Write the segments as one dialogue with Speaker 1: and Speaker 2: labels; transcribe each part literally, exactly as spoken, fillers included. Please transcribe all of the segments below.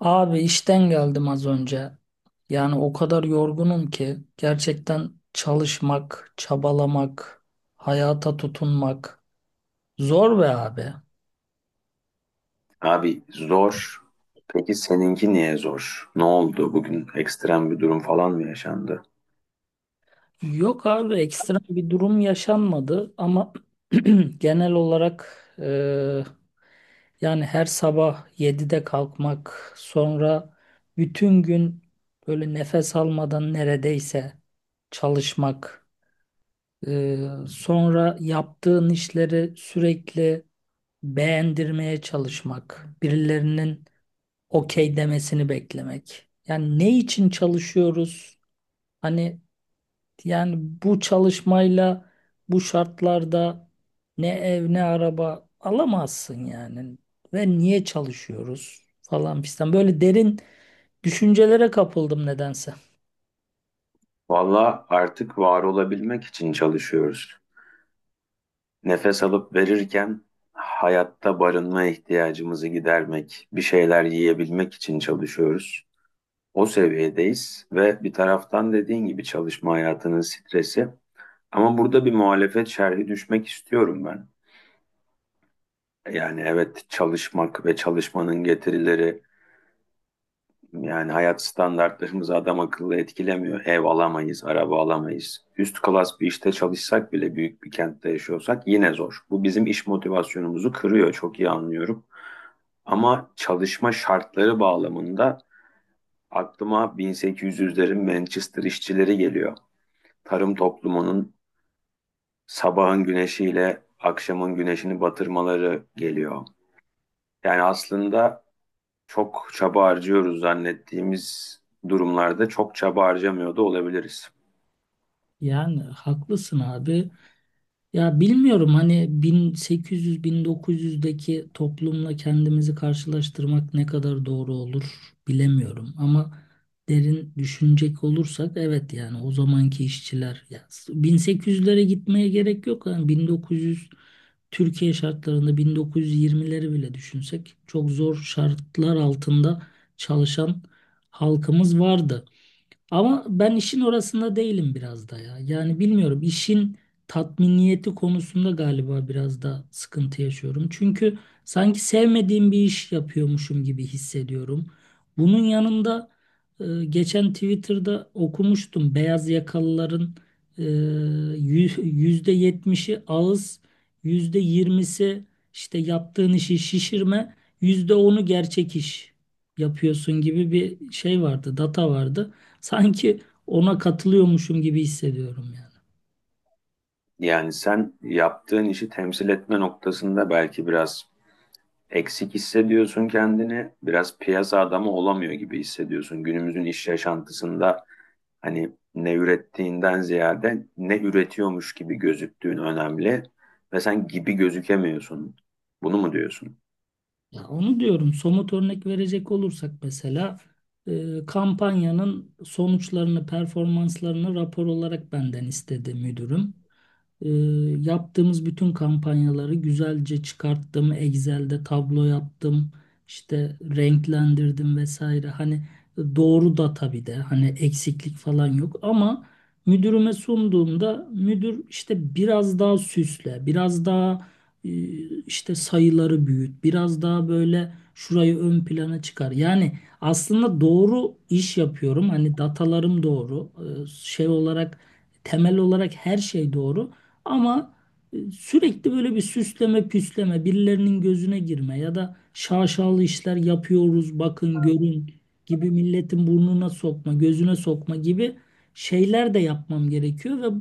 Speaker 1: Abi işten geldim az önce. Yani o kadar yorgunum ki gerçekten çalışmak, çabalamak, hayata tutunmak zor be abi.
Speaker 2: Abi zor. Peki seninki niye zor? Ne oldu bugün? Ekstrem bir durum falan mı yaşandı?
Speaker 1: Yok abi ekstra bir durum yaşanmadı ama genel olarak e, yani her sabah yedide kalkmak, sonra bütün gün böyle nefes almadan neredeyse çalışmak. Ee, sonra yaptığın işleri sürekli beğendirmeye çalışmak, birilerinin okey demesini beklemek. Yani ne için çalışıyoruz? Hani yani bu çalışmayla bu şartlarda ne ev ne araba alamazsın yani. Ve niye çalışıyoruz falan fistan. Böyle derin düşüncelere kapıldım nedense.
Speaker 2: Valla artık var olabilmek için çalışıyoruz. Nefes alıp verirken hayatta barınma ihtiyacımızı gidermek, bir şeyler yiyebilmek için çalışıyoruz. O seviyedeyiz ve bir taraftan dediğin gibi çalışma hayatının stresi. Ama burada bir muhalefet şerhi düşmek istiyorum ben. Yani evet çalışmak ve çalışmanın getirileri. Yani hayat standartlarımızı adam akıllı etkilemiyor. Ev alamayız, araba alamayız. Üst klas bir işte çalışsak bile büyük bir kentte yaşıyorsak yine zor. Bu bizim iş motivasyonumuzu kırıyor, çok iyi anlıyorum. Ama çalışma şartları bağlamında aklıma bin sekiz yüzlerin Manchester işçileri geliyor. Tarım toplumunun sabahın güneşiyle akşamın güneşini batırmaları geliyor. Yani aslında çok çaba harcıyoruz zannettiğimiz durumlarda çok çaba harcamıyor da olabiliriz.
Speaker 1: Yani haklısın abi. Ya bilmiyorum hani bin sekiz yüz bin dokuz yüzdeki toplumla kendimizi karşılaştırmak ne kadar doğru olur bilemiyorum. Ama derin düşünecek olursak evet yani o zamanki işçiler ya bin sekiz yüzlere gitmeye gerek yok. Yani bin dokuz yüz Türkiye şartlarında bin dokuz yüz yirmileri bile düşünsek çok zor şartlar altında çalışan halkımız vardı. Ama ben işin orasında değilim biraz da ya. Yani bilmiyorum işin tatminiyeti konusunda galiba biraz da sıkıntı yaşıyorum. Çünkü sanki sevmediğim bir iş yapıyormuşum gibi hissediyorum. Bunun yanında e, geçen Twitter'da okumuştum beyaz yakalıların e, yü- yüzde yetmişi ağız, yüzde yirmisi işte yaptığın işi şişirme, yüzde onu gerçek iş yapıyorsun gibi bir şey vardı, data vardı. Sanki ona katılıyormuşum gibi hissediyorum yani.
Speaker 2: Yani sen yaptığın işi temsil etme noktasında belki biraz eksik hissediyorsun kendini, biraz piyasa adamı olamıyor gibi hissediyorsun. Günümüzün iş yaşantısında hani ne ürettiğinden ziyade ne üretiyormuş gibi gözüktüğün önemli ve sen gibi gözükemiyorsun. Bunu mu diyorsun?
Speaker 1: Ya onu diyorum, somut örnek verecek olursak mesela e, kampanyanın sonuçlarını, performanslarını rapor olarak benden istedi müdürüm. E, Yaptığımız bütün kampanyaları güzelce çıkarttım. Excel'de tablo yaptım, işte renklendirdim vesaire. Hani doğru da tabii de hani eksiklik falan yok ama müdürüme sunduğumda müdür işte biraz daha süsle, biraz daha e, işte sayıları büyüt, biraz daha böyle şurayı ön plana çıkar. Yani aslında doğru iş yapıyorum. Hani datalarım doğru. E, Şey olarak, temel olarak her şey doğru. Ama e, sürekli böyle bir süsleme püsleme, birilerinin gözüne girme ya da şaşalı işler yapıyoruz, bakın görün gibi milletin burnuna sokma, gözüne sokma gibi şeyler de yapmam gerekiyor ve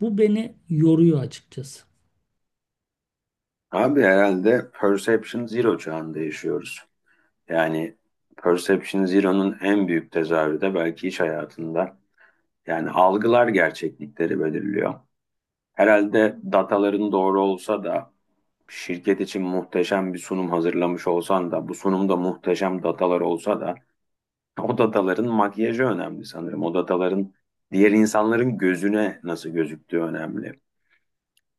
Speaker 1: bu beni yoruyor açıkçası.
Speaker 2: Abi herhalde perception zero çağında yaşıyoruz. Yani Perception Zero'nun en büyük tezahürü de belki iş hayatında. Yani algılar gerçeklikleri belirliyor. Herhalde dataların doğru olsa da şirket için muhteşem bir sunum hazırlamış olsan da bu sunumda muhteşem datalar olsa da o dataların makyajı önemli sanırım. O dataların diğer insanların gözüne nasıl gözüktüğü önemli,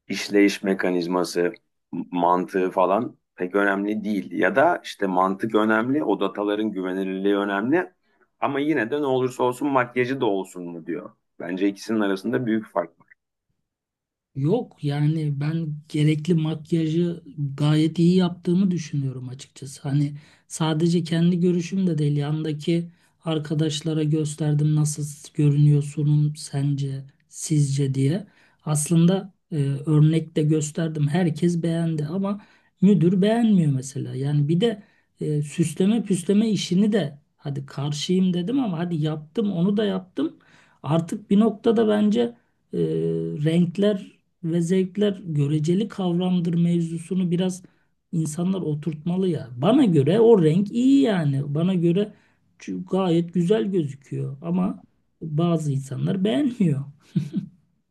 Speaker 2: işleyiş mekanizması, mantığı falan pek önemli değil. Ya da işte mantık önemli, o dataların güvenilirliği önemli. Ama yine de ne olursa olsun makyajı da olsun mu diyor. Bence ikisinin arasında büyük fark var.
Speaker 1: Yok yani, ben gerekli makyajı gayet iyi yaptığımı düşünüyorum açıkçası. Hani sadece kendi görüşüm de değil, yandaki arkadaşlara gösterdim nasıl görünüyor sunum sence sizce diye. Aslında e, örnek de gösterdim, herkes beğendi ama müdür beğenmiyor mesela. Yani bir de e, süsleme püsleme işini de hadi karşıyım dedim ama hadi yaptım onu da yaptım. Artık bir noktada bence e, renkler ve zevkler göreceli kavramdır mevzusunu biraz insanlar oturtmalı ya. Bana göre o renk iyi yani. Bana göre çü- gayet güzel gözüküyor ama bazı insanlar beğenmiyor.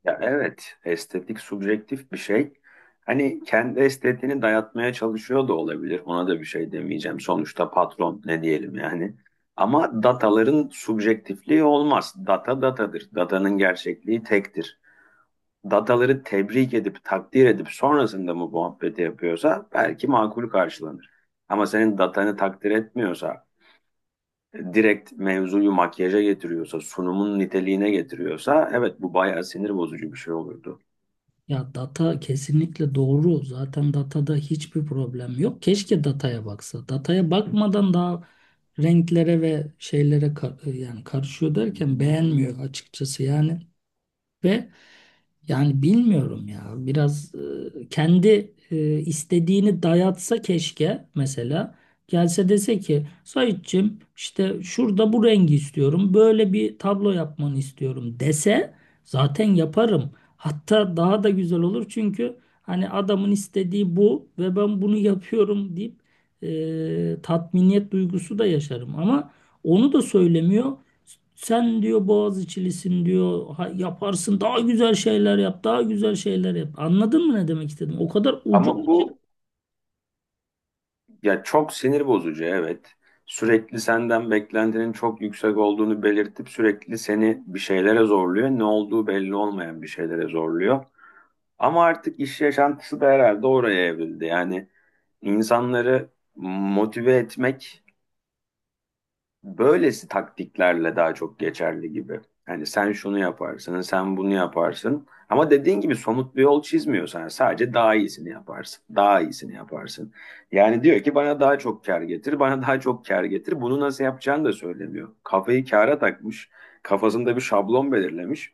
Speaker 2: Ya evet, estetik subjektif bir şey. Hani kendi estetiğini dayatmaya çalışıyor da olabilir. Ona da bir şey demeyeceğim. Sonuçta patron, ne diyelim yani. Ama dataların subjektifliği olmaz. Data datadır. Datanın gerçekliği tektir. Dataları tebrik edip takdir edip sonrasında mı muhabbeti yapıyorsa belki makul karşılanır. Ama senin datanı takdir etmiyorsa, direkt mevzuyu makyaja getiriyorsa, sunumun niteliğine getiriyorsa evet bu bayağı sinir bozucu bir şey olurdu.
Speaker 1: Ya data kesinlikle doğru. Zaten datada hiçbir problem yok. Keşke dataya baksa. Dataya bakmadan daha renklere ve şeylere ka- yani karışıyor derken beğenmiyor açıkçası. Yani. Ve Yani bilmiyorum ya, biraz e, kendi e, istediğini dayatsa keşke mesela, gelse dese ki Saitçiğim işte şurada bu rengi istiyorum, böyle bir tablo yapmanı istiyorum dese zaten yaparım. Hatta daha da güzel olur çünkü hani adamın istediği bu ve ben bunu yapıyorum deyip e, tatminiyet duygusu da yaşarım ama onu da söylemiyor. Sen diyor Boğaziçi'lisin diyor. Ha- yaparsın. Daha güzel şeyler yap. Daha güzel şeyler yap. Anladın mı ne demek istedim? O kadar ucu.
Speaker 2: Ama bu, ya çok sinir bozucu evet. Sürekli senden beklentinin çok yüksek olduğunu belirtip sürekli seni bir şeylere zorluyor. Ne olduğu belli olmayan bir şeylere zorluyor. Ama artık iş yaşantısı da herhalde oraya evrildi. Yani insanları motive etmek böylesi taktiklerle daha çok geçerli gibi. Hani sen şunu yaparsın, sen bunu yaparsın. Ama dediğin gibi somut bir yol çizmiyorsan sadece daha iyisini yaparsın, daha iyisini yaparsın. Yani diyor ki bana daha çok kar getir, bana daha çok kar getir. Bunu nasıl yapacağını da söylemiyor. Kafayı kâra takmış, kafasında bir şablon belirlemiş.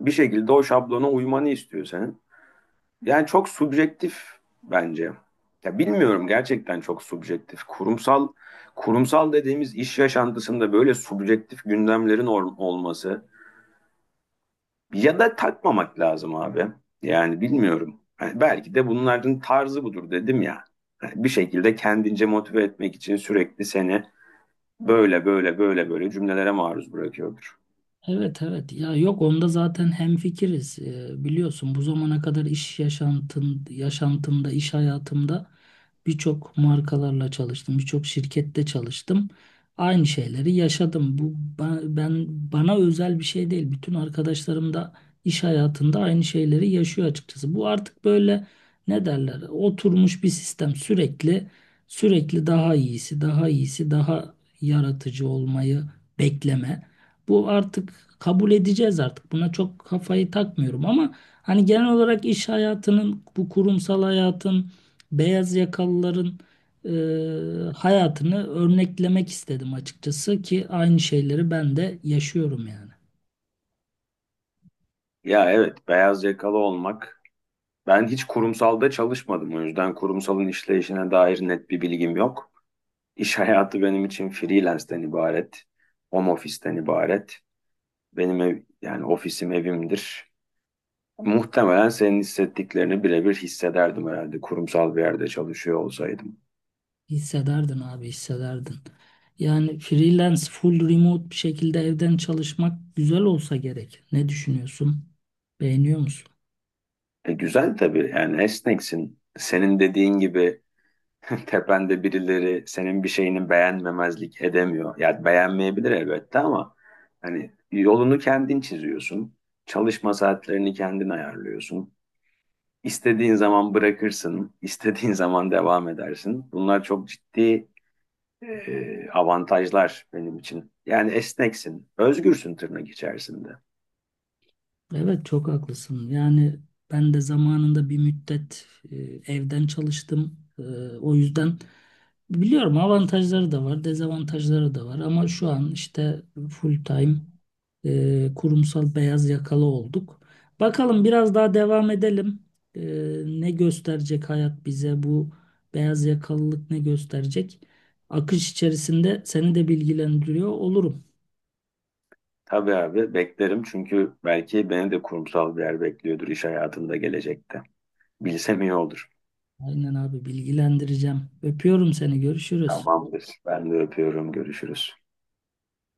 Speaker 2: Bir şekilde o şablona uymanı istiyor senin. Yani çok subjektif bence. Ya bilmiyorum gerçekten çok subjektif. Kurumsal, kurumsal dediğimiz iş yaşantısında böyle subjektif gündemlerin or- olması ya da takmamak lazım abi. Yani bilmiyorum. Yani belki de bunların tarzı budur dedim ya. Yani bir şekilde kendince motive etmek için sürekli seni böyle böyle böyle böyle cümlelere maruz bırakıyordur.
Speaker 1: Evet, evet ya, yok, onda zaten hemfikiriz. Ee, biliyorsun bu zamana kadar iş yaşantın, yaşantımda, iş hayatımda birçok markalarla çalıştım, birçok şirkette çalıştım, aynı şeyleri yaşadım. Bu ba- ben, bana özel bir şey değil, bütün arkadaşlarım da iş hayatında aynı şeyleri yaşıyor açıkçası. Bu artık böyle, ne derler, oturmuş bir sistem, sürekli sürekli daha iyisi, daha iyisi, daha yaratıcı olmayı bekleme. Bu artık, kabul edeceğiz artık. Buna çok kafayı takmıyorum ama hani genel olarak iş hayatının, bu kurumsal hayatın, beyaz yakalıların e, hayatını örneklemek istedim açıkçası ki aynı şeyleri ben de yaşıyorum yani.
Speaker 2: Ya evet, beyaz yakalı olmak. Ben hiç kurumsalda çalışmadım, o yüzden kurumsalın işleyişine dair net bir bilgim yok. İş hayatı benim için freelance'den ibaret, home office'ten ibaret. Benim ev, yani ofisim evimdir. Muhtemelen senin hissettiklerini birebir hissederdim herhalde kurumsal bir yerde çalışıyor olsaydım.
Speaker 1: Hissederdin abi, hissederdin. Yani freelance, full remote bir şekilde evden çalışmak güzel olsa gerek. Ne düşünüyorsun? Beğeniyor musun?
Speaker 2: E, güzel tabii, yani esneksin. Senin dediğin gibi tepende birileri senin bir şeyini beğenmemezlik edemiyor. Yani beğenmeyebilir elbette ama hani yolunu kendin çiziyorsun. Çalışma saatlerini kendin ayarlıyorsun. İstediğin zaman bırakırsın, istediğin zaman devam edersin. Bunlar çok ciddi e, avantajlar benim için. Yani esneksin, özgürsün tırnak içerisinde.
Speaker 1: Evet, çok haklısın. Yani ben de zamanında bir müddet e, evden çalıştım. E, o yüzden biliyorum, avantajları da var, dezavantajları da var. Ama şu an işte full time e, kurumsal beyaz yakalı olduk. Bakalım biraz daha devam edelim. E, Ne gösterecek hayat bize, bu beyaz yakalılık ne gösterecek? Akış içerisinde seni de bilgilendiriyor olurum.
Speaker 2: Tabii abi beklerim, çünkü belki beni de kurumsal bir yer bekliyordur iş hayatında gelecekte. Bilsem iyi olur.
Speaker 1: Aynen abi, bilgilendireceğim. Öpüyorum seni. Görüşürüz.
Speaker 2: Tamamdır. Ben de öpüyorum. Görüşürüz.